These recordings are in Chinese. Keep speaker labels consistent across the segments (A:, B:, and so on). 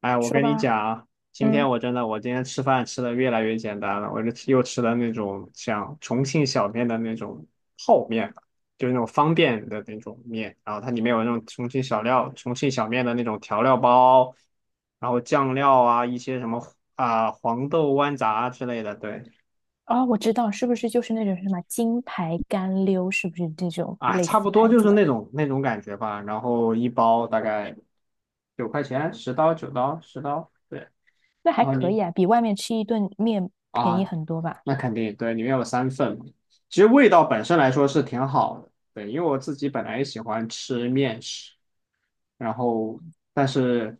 A: 哎，我
B: 说
A: 跟你
B: 吧。
A: 讲啊，今天
B: 嗯，
A: 我真的，我今天吃饭吃的越来越简单了，我就吃又吃了那种像重庆小面的那种泡面吧。就是那种方便的那种面，然后它里面有那种重庆小料、重庆小面的那种调料包，然后酱料啊，一些什么啊、黄豆豌杂之类的，对，
B: 哦，我知道，是不是就是那种什么金牌干溜，是不是这种
A: 啊，
B: 类
A: 差
B: 似
A: 不多
B: 牌
A: 就
B: 子
A: 是
B: 的？
A: 那种感觉吧，然后一包大概9块钱，10刀9刀10刀，对，
B: 那还
A: 然后
B: 可以
A: 你。
B: 啊，比外面吃一顿面便宜
A: 啊，
B: 很多吧。
A: 那肯定，对，里面有3份嘛。其实味道本身来说是挺好的，对，因为我自己本来也喜欢吃面食，然后但是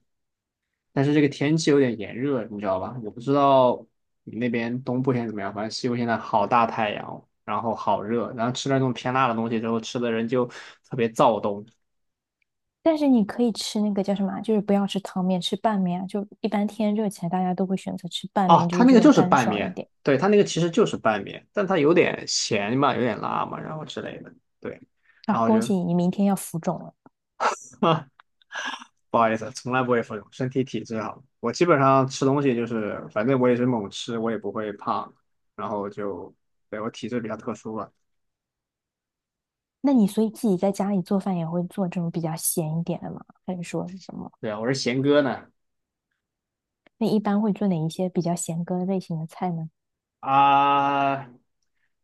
A: 但是这个天气有点炎热，你知道吧？我不知道你那边东部现在怎么样，反正西部现在好大太阳，然后好热，然后吃了那种偏辣的东西之后，吃的人就特别躁动。
B: 但是你可以吃那个叫什么啊，就是不要吃汤面，吃拌面啊。就一般天热起来，大家都会选择吃拌面，
A: 哦，
B: 就
A: 它
B: 是
A: 那
B: 这
A: 个
B: 种
A: 就是
B: 干
A: 拌
B: 爽一
A: 面，
B: 点
A: 对，它那个其实就是拌面，但它有点咸嘛，有点辣嘛，然后之类的。对。然
B: 啊。
A: 后就
B: 恭喜你，你明天要浮肿了。
A: 啊，不好意思，从来不会服用，身体体质好。我基本上吃东西就是，反正我也是猛吃，我也不会胖，然后就，对，我体质比较特殊吧。
B: 那你所以自己在家里做饭也会做这种比较咸一点的吗？还是说是什么？
A: 对，啊，我是贤哥呢。
B: 那一般会做哪一些比较咸鸽类型的菜呢？
A: 啊，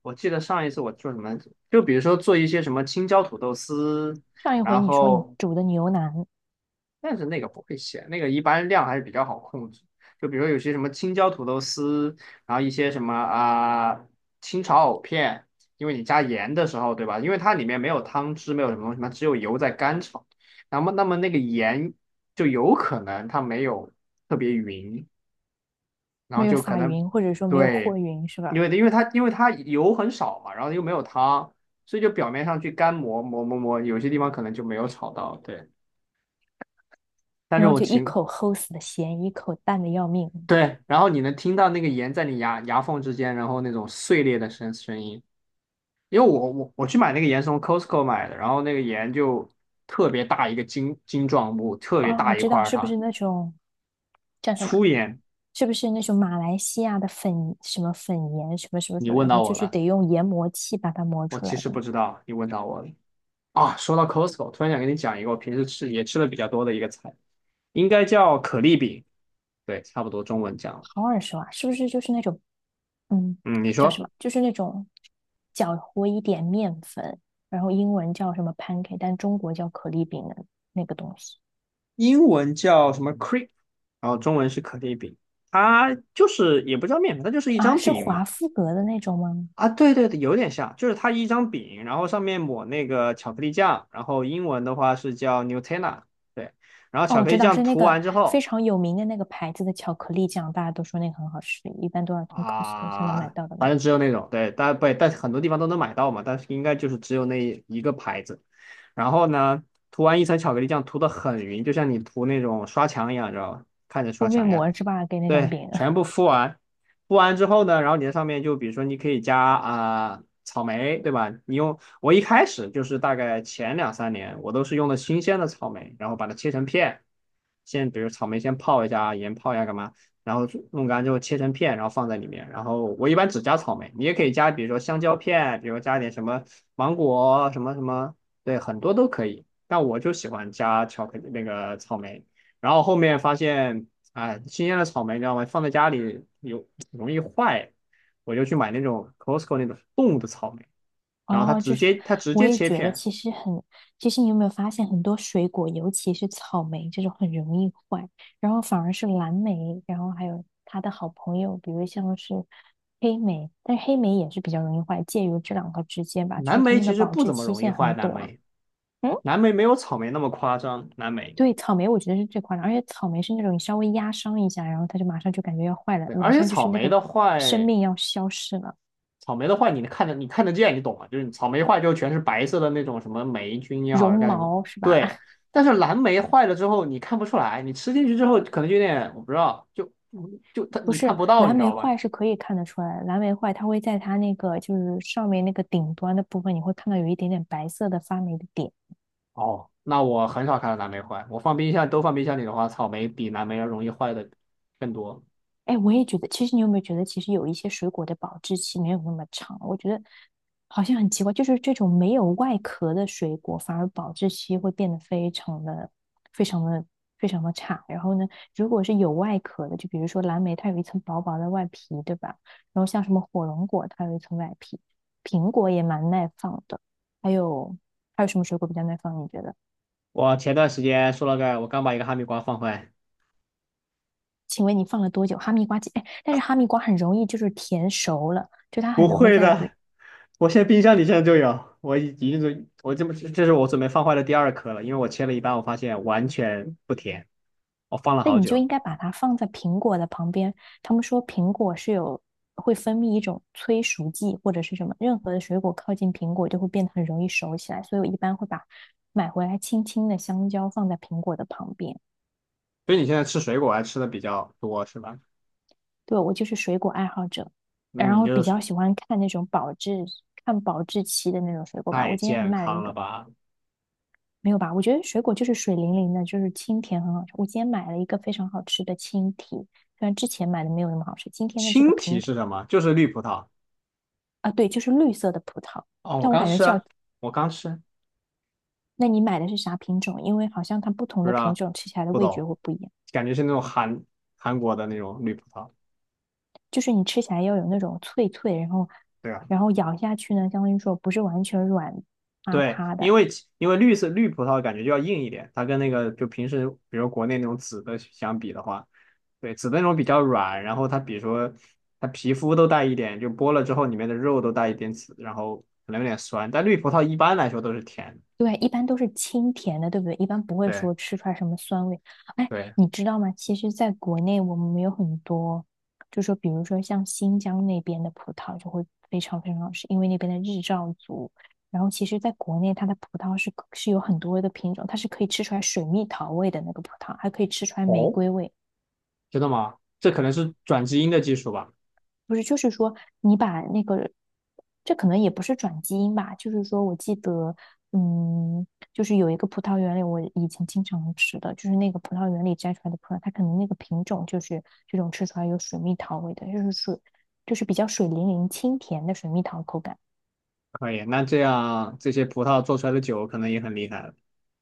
A: 我记得上一次我做什么，就比如说做一些什么青椒土豆丝，
B: 上一回
A: 然
B: 你说你
A: 后
B: 煮的牛腩。
A: 但是那个不会写，那个一般量还是比较好控制。就比如说有些什么青椒土豆丝，然后一些什么啊、清炒藕片，因为你加盐的时候，对吧？因为它里面没有汤汁，没有什么东西嘛，只有油在干炒。那么那个盐就有可能它没有特别匀，然
B: 没
A: 后
B: 有
A: 就可
B: 撒
A: 能
B: 匀，或者说没有
A: 对，
B: 和匀，是
A: 因
B: 吧？
A: 为因为它因为它油很少嘛，然后又没有汤，所以就表面上去干磨磨磨磨，有些地方可能就没有炒到。对，但这
B: 然后
A: 种
B: 就一
A: 情。
B: 口齁死的咸，一口淡的要命。
A: 对，然后你能听到那个盐在你牙缝之间，然后那种碎裂的声音。因为我去买那个盐是从 Costco 买的，然后那个盐就特别大一个晶状物，特别
B: 啊！我
A: 大一
B: 知
A: 块
B: 道，
A: 儿
B: 是不
A: 它
B: 是那种叫什么？
A: 粗盐。
B: 是不是那种马来西亚的粉什么粉盐什么什么
A: 你
B: 什么？
A: 问
B: 然后
A: 到
B: 就
A: 我
B: 是
A: 了，
B: 得用研磨器把它磨
A: 我
B: 出来
A: 其实
B: 的。
A: 不知道，你问到我了啊。说到 Costco，突然想跟你讲一个我平时吃也吃的比较多的一个菜，应该叫可丽饼，对，差不多中文讲了
B: 好耳熟啊！是不是就是那种，嗯，
A: 嗯，你
B: 叫什
A: 说。
B: 么？就是那种搅和一点面粉，然后英文叫什么 pancake，但中国叫可丽饼的那个东西。
A: 英文叫什么 crepe，然后中文是可丽饼。它就是也不叫面团，它就是一
B: 啊？
A: 张
B: 是
A: 饼
B: 华
A: 嘛。
B: 夫格的那种吗？
A: 啊，对对对，有点像，就是它一张饼，然后上面抹那个巧克力酱，然后英文的话是叫 Nutella，对，然后
B: 哦，
A: 巧
B: 我
A: 克
B: 知
A: 力
B: 道
A: 酱
B: 是那
A: 涂
B: 个
A: 完之
B: 非
A: 后，
B: 常有名的那个牌子的巧克力酱，大家都说那个很好吃，一般都要从 Costco 才能买
A: 啊，
B: 到的那
A: 反
B: 个。
A: 正只有那种，对，但不，但是很多地方都能买到嘛，但是应该就是只有那一个牌子。然后呢，涂完一层巧克力酱，涂的很匀，就像你涂那种刷墙一样，知道吧？看着
B: 敷
A: 刷
B: 面
A: 墙一样。
B: 膜是吧？给那张
A: 对，
B: 饼。
A: 全部 敷完，敷完之后呢，然后你在上面就比如说你可以加啊、草莓，对吧？你用我一开始就是大概前2、3年，我都是用的新鲜的草莓，然后把它切成片，先比如草莓先泡一下，盐泡一下干嘛？然后弄干之后切成片，然后放在里面。然后我一般只加草莓，你也可以加，比如说香蕉片，比如加点什么芒果什么什么，对，很多都可以。但我就喜欢加巧克力那个草莓。然后后面发现，哎，新鲜的草莓你知道吗？放在家里有容易坏，我就去买那种 Costco 那种冻的草莓，然后它
B: 哦，就
A: 直
B: 是
A: 接它直
B: 我
A: 接
B: 也
A: 切
B: 觉得
A: 片。
B: 其实很，其实你有没有发现很多水果，尤其是草莓这种很容易坏，然后反而是蓝莓，然后还有他的好朋友，比如像是黑莓，但是黑莓也是比较容易坏，介于这两个之间吧，就
A: 蓝
B: 是它
A: 莓
B: 们的
A: 其实
B: 保
A: 不
B: 质
A: 怎么
B: 期
A: 容易
B: 限
A: 坏，
B: 很
A: 蓝
B: 短。
A: 莓
B: 嗯。
A: 蓝莓没有草莓那么夸张，蓝莓
B: 对，草莓我觉得是最夸张，而且草莓是那种你稍微压伤一下，然后它就马上就感觉要坏了，
A: 对，
B: 马
A: 而且
B: 上就
A: 草
B: 是那
A: 莓
B: 个
A: 的
B: 生
A: 坏。
B: 命要消失了。
A: 草莓的坏你能看得你看得见，你懂吗？就是草莓坏之后全是白色的那种什么霉菌也好是
B: 绒
A: 干什么，
B: 毛是吧？
A: 对。但是蓝莓坏了之后你看不出来，你吃进去之后可能就有点我不知道，就它
B: 不
A: 你看
B: 是，
A: 不到，你
B: 蓝
A: 知
B: 莓
A: 道吧？
B: 坏是可以看得出来的，蓝莓坏它会在它那个就是上面那个顶端的部分，你会看到有一点点白色的发霉的点。
A: 哦，那我很少看到蓝莓坏，我放冰箱都放冰箱里的话，草莓比蓝莓要容易坏的更多。
B: 哎，我也觉得，其实你有没有觉得，其实有一些水果的保质期没有那么长？我觉得好像很奇怪，就是这种没有外壳的水果，反而保质期会变得非常的、非常的、非常的差。然后呢，如果是有外壳的，就比如说蓝莓，它有一层薄薄的外皮，对吧？然后像什么火龙果，它有一层外皮，苹果也蛮耐放的。还有什么水果比较耐放？你觉得？
A: 我前段时间说了个，我刚把一个哈密瓜放坏。
B: 请问你放了多久？哈密瓜，哎，但是哈密瓜很容易就是甜熟了。就它
A: 不
B: 很容易
A: 会
B: 在，比
A: 的，我现在冰箱里现在就有，我已经准，我这么这是我准备放坏的第2颗了，因为我切了一半，我发现完全不甜，我放了
B: 那
A: 好
B: 你就
A: 久。
B: 应该把它放在苹果的旁边。他们说苹果是有会分泌一种催熟剂或者是什么，任何的水果靠近苹果就会变得很容易熟起来，所以我一般会把买回来青青的香蕉放在苹果的旁边。
A: 所以你现在吃水果还吃的比较多是吧？
B: 对，我就是水果爱好者，然
A: 你
B: 后
A: 就
B: 比
A: 是
B: 较喜欢看那种保质看保质期的那种水果吧。
A: 太
B: 我今天还
A: 健
B: 买了一
A: 康了
B: 个。
A: 吧？
B: 没有吧？我觉得水果就是水灵灵的，就是清甜很好吃。我今天买了一个非常好吃的青提，虽然之前买的没有那么好吃，今天的这个
A: 青提
B: 品
A: 是什么？就是绿葡萄。
B: 啊，对，就是绿色的葡萄。
A: 哦，
B: 但我感觉像，
A: 我刚吃，
B: 那你买的是啥品种？因为好像它不同
A: 不
B: 的
A: 知
B: 品
A: 道，
B: 种吃起来的
A: 不
B: 味觉
A: 懂，
B: 会不一样，
A: 感觉是那种韩国的那种绿葡萄。
B: 就是你吃起来要有那种脆脆，然后
A: 对吧？
B: 咬下去呢，相当于说不是完全软塌
A: 对，
B: 塌
A: 因
B: 的。
A: 为其因为绿色绿葡萄感觉就要硬一点，它跟那个就平时比如国内那种紫的相比的话，对，紫的那种比较软，然后它比如说它皮肤都带一点，就剥了之后里面的肉都带一点紫，然后可能有点酸，但绿葡萄一般来说都是甜的
B: 对啊，一般都是清甜的，对不对？一般不会
A: 对
B: 说吃出来什么酸味。哎，
A: 对，
B: 你知道吗？其实，在国内我们有很多，就说比如说像新疆那边的葡萄就会非常非常好吃，因为那边的日照足。然后，其实在国内它的葡萄是有很多的品种，它是可以吃出来水蜜桃味的那个葡萄，还可以吃出来玫
A: 哦，
B: 瑰味。
A: 真的吗？这可能是转基因的技术吧？
B: 不是，就是说你把那个，这可能也不是转基因吧，就是说我记得，嗯，就是有一个葡萄园里，我以前经常吃的，就是那个葡萄园里摘出来的葡萄，它可能那个品种就是这种吃出来有水蜜桃味的，就是水，就是比较水灵灵、清甜的水蜜桃口感。
A: 可以，那这样这些葡萄做出来的酒可能也很厉害了。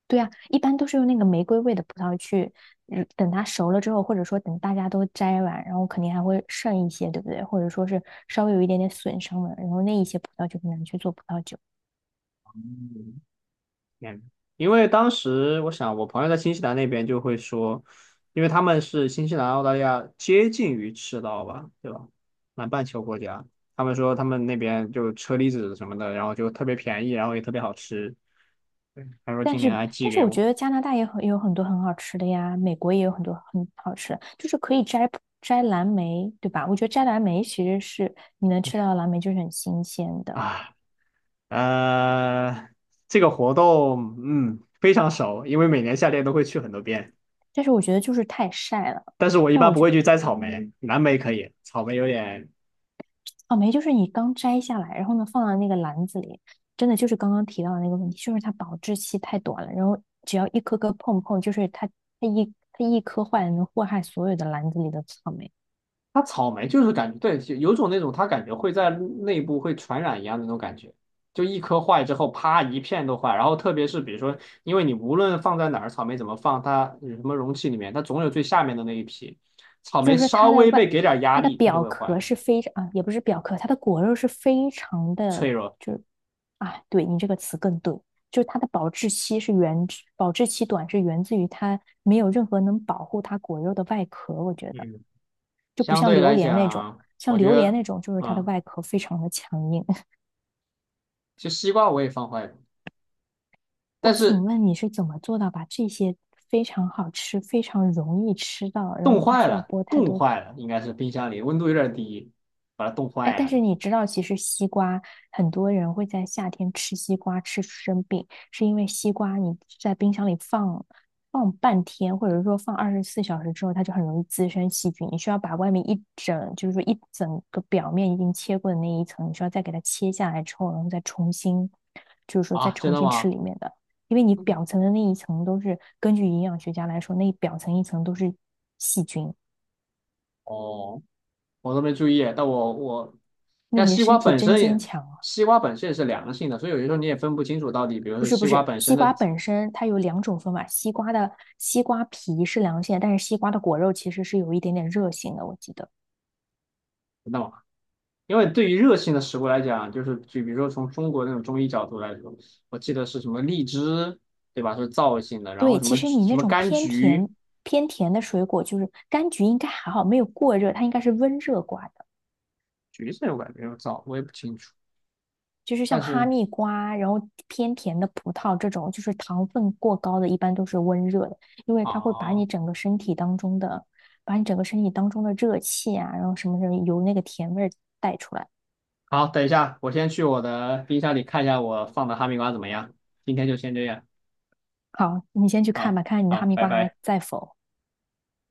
B: 对啊，一般都是用那个玫瑰味的葡萄去，嗯，等它熟了之后，或者说等大家都摘完，然后肯定还会剩一些，对不对？或者说是稍微有一点点损伤的，然后那一些葡萄就可以拿去做葡萄酒。
A: 嗯，因为当时我想，我朋友在新西兰那边就会说，因为他们是新西兰、澳大利亚接近于赤道吧，对吧？南半球国家，他们说他们那边就车厘子什么的，然后就特别便宜，然后也特别好吃。对，他说
B: 但
A: 今
B: 是，
A: 年还寄
B: 但是
A: 给
B: 我觉
A: 我
B: 得加拿大也很有很多很好吃的呀，美国也有很多很好吃的，就是可以摘蓝莓，对吧？我觉得摘蓝莓其实是你能吃到的蓝莓就是很新鲜的，
A: 啊，呃，这个活动嗯非常熟，因为每年夏天都会去很多遍，
B: 但是我觉得就是太晒了。
A: 但是我一般不会去摘草莓，蓝莓可以，草莓有点
B: 草莓就是你刚摘下来，然后呢放到那个篮子里，真的就是刚刚提到的那个问题，就是它保质期太短了，然后只要一颗颗碰碰，就是它一它颗坏了能祸害所有的篮子里的草莓。
A: 它草莓就是感觉对，就有种那种它感觉会在内部会传染一样的那种感觉，就一颗坏之后，啪一片都坏。然后特别是比如说，因为你无论放在哪儿，草莓怎么放，它有什么容器里面，它总有最下面的那一批。草莓
B: 就是
A: 稍
B: 它的
A: 微
B: 外，
A: 被给点压
B: 它的
A: 力，它就
B: 表
A: 会坏，
B: 壳是非常啊，也不是表壳，它的果肉是非常的，
A: 脆弱。
B: 就是啊，对你这个词更对，就是它的保质期是源自，保质期短是源自于它没有任何能保护它果肉的外壳，我觉得
A: 嗯，
B: 就不
A: 相
B: 像
A: 对
B: 榴
A: 来
B: 莲那种，
A: 讲，
B: 像
A: 我觉
B: 榴莲
A: 得，
B: 那种就是它的
A: 啊、
B: 外壳非常的强硬。
A: 其实西瓜我也放坏了，但
B: 我请
A: 是
B: 问你是怎么做到把这些非常好吃、非常容易吃到，然后
A: 冻
B: 不
A: 坏
B: 需要
A: 了，
B: 剥太
A: 冻
B: 多。
A: 坏了，应该是冰箱里温度有点低，把它冻
B: 哎，但
A: 坏了。
B: 是你知道，其实西瓜很多人会在夏天吃西瓜吃生病，是因为西瓜你在冰箱里放半天，或者说放24小时之后，它就很容易滋生细菌。你需要把外面一整，就是说一整个表面已经切过的那一层，你需要再给它切下来之后，然后再重新，就是说再
A: 啊，真
B: 重
A: 的
B: 新
A: 吗？
B: 吃里面的，因为你表层的那一层都是根据营养学家来说，那一表层一层都是细菌。
A: 哦，我都没注意，但我，
B: 那
A: 但
B: 你的
A: 西
B: 身
A: 瓜
B: 体
A: 本
B: 真
A: 身
B: 坚
A: 也，
B: 强啊！
A: 西瓜本身也是凉性的，所以有些时候你也分不清楚到底，比如
B: 不
A: 说
B: 是不
A: 西瓜
B: 是，
A: 本
B: 西
A: 身
B: 瓜
A: 的
B: 本身它有两种分法，西瓜的皮是凉性的，但是西瓜的果肉其实是有一点点热性的，我记得。
A: 那么，因为对于热性的食物来讲，就比如说从中国那种中医角度来说，我记得是什么荔枝，对吧？是燥性的，然后
B: 对，
A: 什
B: 其
A: 么
B: 实
A: 橘
B: 你
A: 什
B: 那
A: 么
B: 种
A: 柑橘，
B: 偏甜的水果，就是柑橘应该还好，没有过热，它应该是温热瓜的，
A: 橘子我感觉有燥，我也不清楚。
B: 就是
A: 但
B: 像哈
A: 是
B: 密瓜，然后偏甜的葡萄这种，就是糖分过高的，一般都是温热的，因为它会把你
A: 哦，
B: 整个身体当中的，把你整个身体当中的热气啊，然后什么什么由那个甜味儿带出来。
A: 好，等一下，我先去我的冰箱里看一下我放的哈密瓜怎么样。今天就先这样，
B: 好，你先去看
A: 好，
B: 吧，看看你的哈
A: 好，
B: 密
A: 拜
B: 瓜还
A: 拜。
B: 在否。